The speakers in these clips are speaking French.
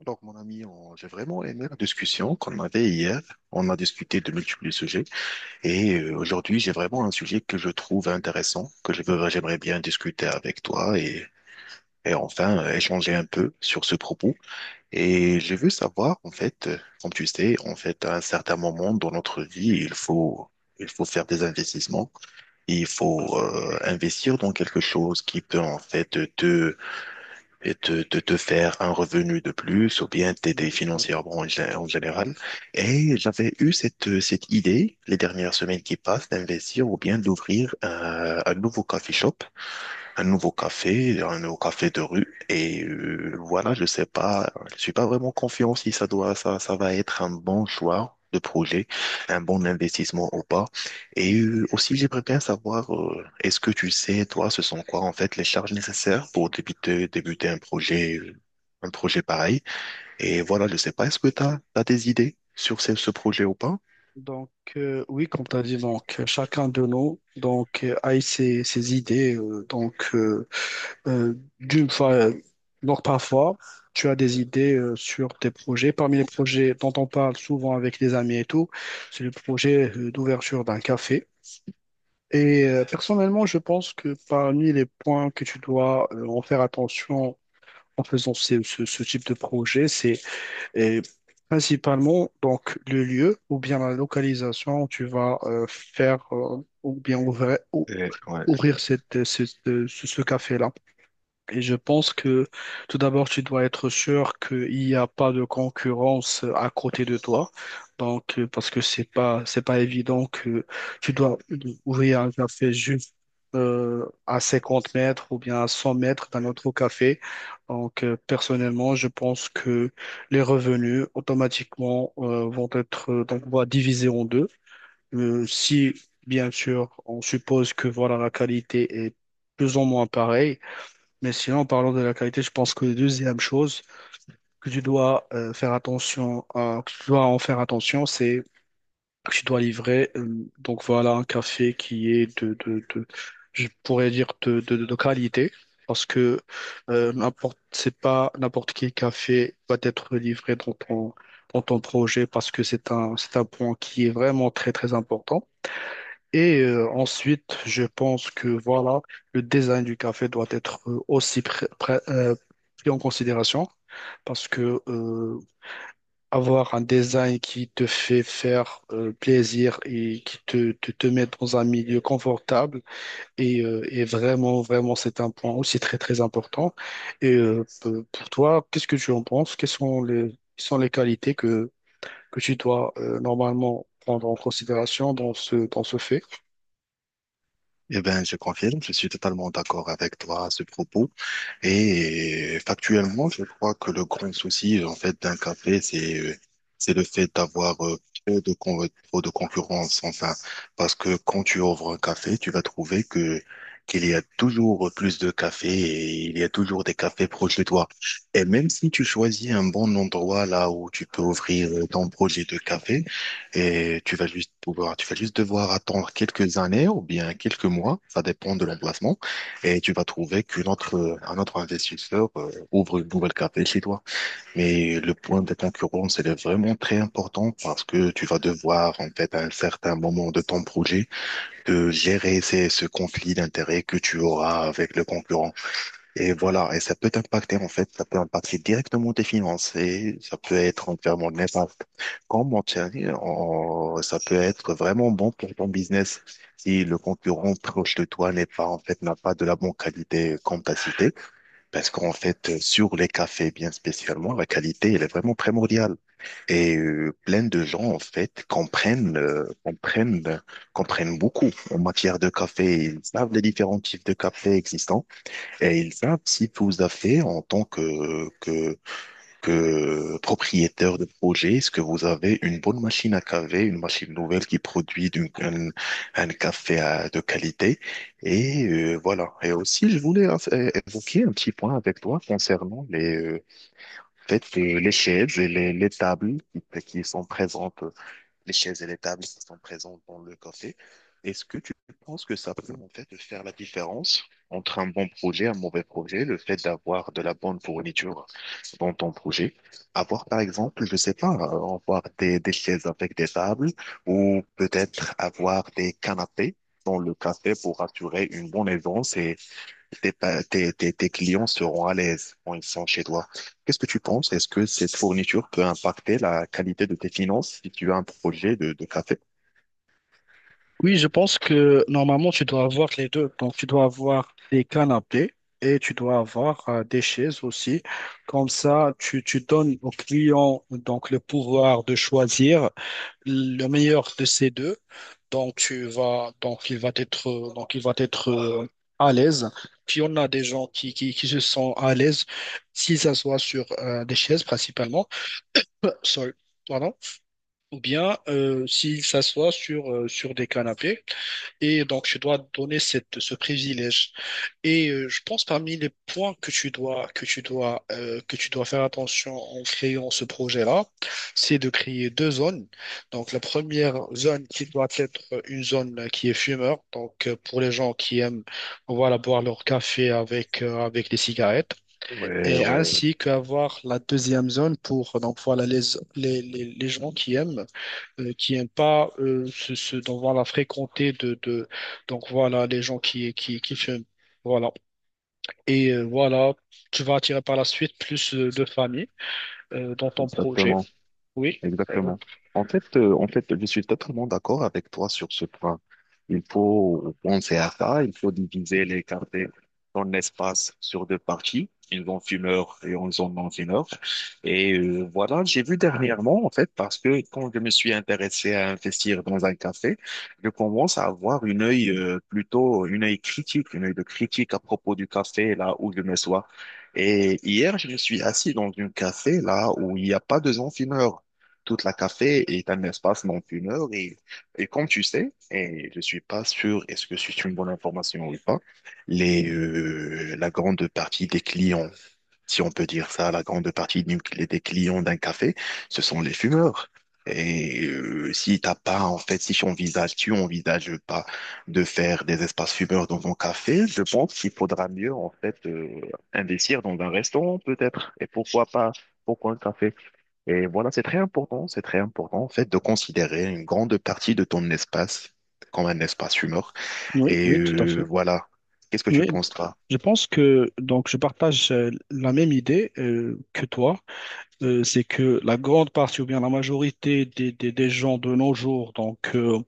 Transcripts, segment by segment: Donc, mon ami, j'ai vraiment aimé la discussion qu'on avait hier. On a discuté de multiples sujets et aujourd'hui, j'ai vraiment un sujet que je trouve intéressant, j'aimerais bien discuter avec toi et enfin échanger un peu sur ce propos. Et je veux savoir, en fait, comme tu sais, en fait, à un certain moment dans notre vie, il faut faire des investissements. Il faut investir dans quelque chose qui peut en fait te et de te faire un revenu de plus ou bien t'aider Oui, oui. financièrement en général. Et j'avais eu cette idée les dernières semaines qui passent d'investir ou bien d'ouvrir un nouveau coffee shop un nouveau café de rue. Et voilà, je sais pas, je suis pas vraiment confiant si ça va être un bon choix de projet, un bon investissement ou pas. Et aussi, j'aimerais bien savoir, est-ce que tu sais, toi, ce sont quoi en fait les charges nécessaires pour débuter un projet pareil? Et voilà, je sais pas, est-ce que tu as, des idées sur ce projet ou pas? Oui, comme tu as dit, donc, chacun de nous a ses idées. Euh, d'une fois, euh, donc parfois, tu as des idées sur tes projets. Parmi les projets dont on parle souvent avec les amis et tout, c'est le projet d'ouverture d'un café. Personnellement, je pense que parmi les points que tu dois en faire attention en faisant ce type de projet, c'est. Et Principalement, donc, le lieu ou bien la localisation où tu vas faire ou bien Et, ouais. ouvrir ce café-là. Et je pense que tout d'abord, tu dois être sûr qu'il n'y a pas de concurrence à côté de toi. Parce que c'est pas évident que tu dois ouvrir un café juste à 50 mètres ou bien à 100 mètres d'un autre café. Personnellement, je pense que les revenus automatiquement vont être on va diviser en deux. Si, bien sûr, on suppose que voilà, la qualité est plus ou moins pareille, mais sinon, en parlant de la qualité, je pense que la deuxième chose que tu dois que tu dois en faire attention, c'est que tu dois livrer. Donc voilà, un café qui est je pourrais dire de qualité, parce que c'est pas n'importe quel café va être livré dans ton projet, parce que c'est un point qui est vraiment très très important. Ensuite, je pense que voilà, le design du café doit être aussi pris en considération parce que avoir un design qui te fait faire plaisir et qui te met dans un milieu confortable. Et vraiment, vraiment, c'est un point aussi très, très important. Pour toi, qu'est-ce que tu en penses? Quelles sont les qualités que tu dois normalement prendre en considération dans ce fait? Eh ben, je confirme, je suis totalement d'accord avec toi à ce propos. Et factuellement, je crois que le grand souci, en fait, d'un café, c'est le fait d'avoir trop de concurrence, enfin. Parce que quand tu ouvres un café, tu vas trouver qu'il y a toujours plus de cafés et il y a toujours des cafés proches de toi. Et même si tu choisis un bon endroit là où tu peux ouvrir ton projet de café, et tu vas juste devoir attendre quelques années ou bien quelques mois, ça dépend de l'emplacement et tu vas trouver qu'un autre investisseur ouvre une nouvelle café chez toi. Mais le point de concurrence, elle est vraiment très important parce que tu vas devoir, en fait, à un certain moment de ton projet, de gérer ce conflit d'intérêts que tu auras avec le concurrent. Et voilà, et ça peut t'impacter, en fait, ça peut impacter directement tes finances et ça peut être entièrement néfaste. Quand ça peut être vraiment bon pour ton business si le concurrent proche de toi n'est pas, en fait, n'a pas de la bonne qualité comme t'as cité. Parce qu'en fait, sur les cafés bien spécialement, la qualité, elle est vraiment primordiale. Et plein de gens, en fait, comprennent beaucoup en matière de café. Ils savent les différents types de café existants et ils savent si vous avez en tant que propriétaire de projet, est-ce que vous avez une bonne machine à caver, une machine nouvelle qui produit un café de qualité? Et voilà. Et aussi, je voulais évoquer un petit point avec toi concernant peut-être, les chaises et les tables qui sont présentes les chaises et les tables qui sont présentes dans le café. Est-ce que tu penses que ça peut en fait faire la différence entre un bon projet et un mauvais projet, le fait d'avoir de la bonne fourniture dans ton projet? Avoir par exemple, je sais pas, avoir des chaises avec des tables ou peut-être avoir des canapés dans le café pour assurer une bonne aisance et tes, pa- tes, tes, tes clients seront à l'aise quand ils sont chez toi. Qu'est-ce que tu penses? Est-ce que cette fourniture peut impacter la qualité de tes finances si tu as un projet de café? Oui, je pense que normalement, tu dois avoir les deux. Donc, tu dois avoir des canapés et tu dois avoir des chaises aussi. Comme ça, tu donnes au client donc, le pouvoir de choisir le meilleur de ces deux. Donc, tu vas, donc, il va être, donc, il va être à l'aise. Puis, on a des gens qui se sentent à l'aise s'ils s'assoient sur des chaises principalement. Sorry, pardon. Ou bien s'ils s'assoient sur des canapés. Et donc, tu dois donner ce privilège. Je pense parmi les points que tu dois faire attention en créant ce projet-là, c'est de créer deux zones. Donc, la première zone qui doit être une zone qui est fumeur. Pour les gens qui aiment, voilà, boire leur café avec des cigarettes. Ouais, Et ouais, ouais, ainsi qu'avoir la deuxième zone pour, donc, voilà, les gens qui aiment qui n'aiment pas donc voilà, fréquenter de donc voilà les gens qui fument. Voilà. Voilà, tu vas attirer par la suite plus de familles dans ton projet. exactement. Oui. Exactement. En fait, je suis totalement d'accord avec toi sur ce point. Il faut penser à ça, il faut diviser les quartiers dans espace sur deux parties, une zone fumeur et une zone non-fumeur. Et voilà, j'ai vu dernièrement, en fait, parce que quand je me suis intéressé à investir dans un café, je commence à avoir une œil plutôt, une œil critique, une œil de critique à propos du café, là où je me sois. Et hier, je me suis assis dans un café, là où il n'y a pas de zone fumeur. Toute la café est un espace non fumeur et comme tu sais, et je suis pas sûr est-ce que c'est une bonne information ou pas, la grande partie des clients, si on peut dire ça, la grande partie des clients d'un café, ce sont les fumeurs. Et si t'as pas, en fait, si tu envisages pas de faire des espaces fumeurs dans ton café, je pense qu'il faudra mieux, en fait, investir dans un restaurant peut-être. Et pourquoi pas, pourquoi un café? Et voilà, c'est très important en fait de considérer une grande partie de ton espace comme un espace humain. Oui, Et oui, tout à fait. Voilà, qu'est-ce que tu Oui, penses toi? je pense que donc je partage la même idée que toi. C'est que la grande partie ou bien la majorité des gens de nos jours,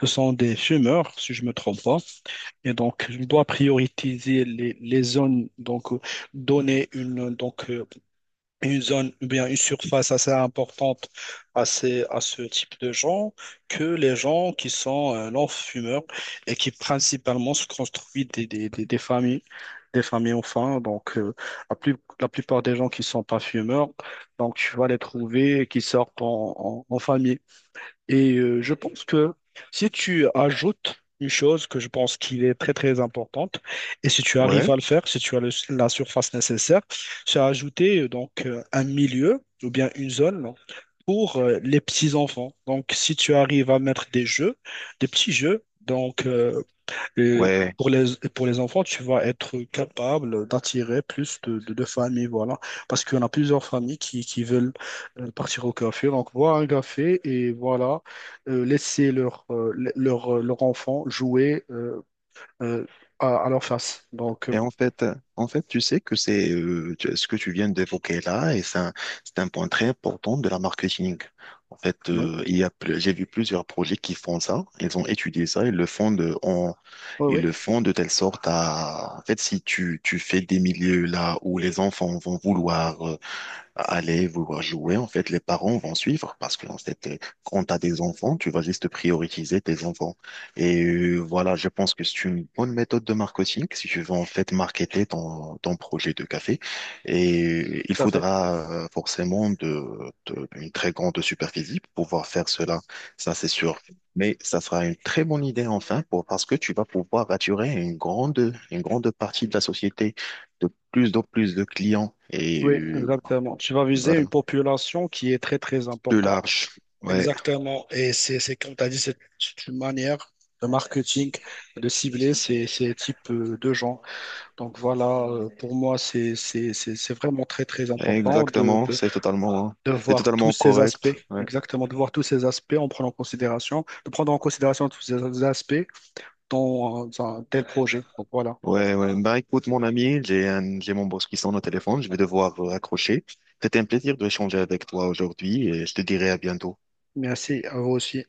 ce sont des fumeurs, si je me trompe pas. Et donc, je dois prioriser les zones, donner une, une zone ou bien une surface assez importante à, à ce type de gens que les gens qui sont non-fumeurs et qui principalement se construisent des familles ont faim, la plupart des gens qui sont pas fumeurs, donc tu vas les trouver qui sortent en famille. Je pense que si tu ajoutes une chose que je pense qu'il est très très importante, et si tu arrives Ouais, à le faire, si tu as le- la surface nécessaire, c'est ajouter un milieu ou bien une zone pour les petits enfants. Donc si tu arrives à mettre des jeux, des petits jeux, le- ouais. pour les, pour les enfants, tu vas être capable d'attirer plus de familles, voilà. Parce qu'on a plusieurs familles qui veulent partir au café. Donc, boire un café et voilà, laisser leur enfant jouer euh, à leur face. Donc, Et en fait, tu sais ce que tu viens d'évoquer là, et c'est un point très important de la marketing. En fait, non, il y a, ple- j'ai vu plusieurs projets qui font ça. Ils ont étudié ça, ils le font de, en, oui, ils oui, le font de telle sorte à, en fait, si tu fais des milieux là où les enfants vont vouloir aller vouloir jouer, en fait, les parents vont suivre parce que, en fait, quand tu as des enfants, tu vas juste prioriser tes enfants. Et voilà, je pense que c'est une bonne méthode de marketing si tu veux, en fait, marketer ton projet de café. Et il tout à fait. faudra forcément une très grande superficie pour pouvoir faire cela. Ça, c'est sûr. Mais ça sera une très bonne idée enfin pour, parce que tu vas pouvoir attirer une grande partie de la société de plus en plus de clients. Et Oui, exactement. Tu vas viser une voilà. population qui est très, très Plus importante. large. Ouais, Exactement. Et c'est comme tu as dit, c'est une manière de marketing, de cibler ces, ces types de gens. Donc voilà, pour moi, c'est vraiment très, très important exactement. C'est totalement, de c'est voir tous totalement ces aspects, correct. Ouais. exactement, de voir tous ces aspects en prenant en considération, de prendre en considération tous ces aspects dans un tel projet. Donc voilà. Ouais, ouais. Bah, écoute, mon ami, j'ai mon boss qui sonne au téléphone. Je vais devoir raccrocher. C'était un plaisir de échanger avec toi aujourd'hui et je te dirai à bientôt. Merci à vous aussi.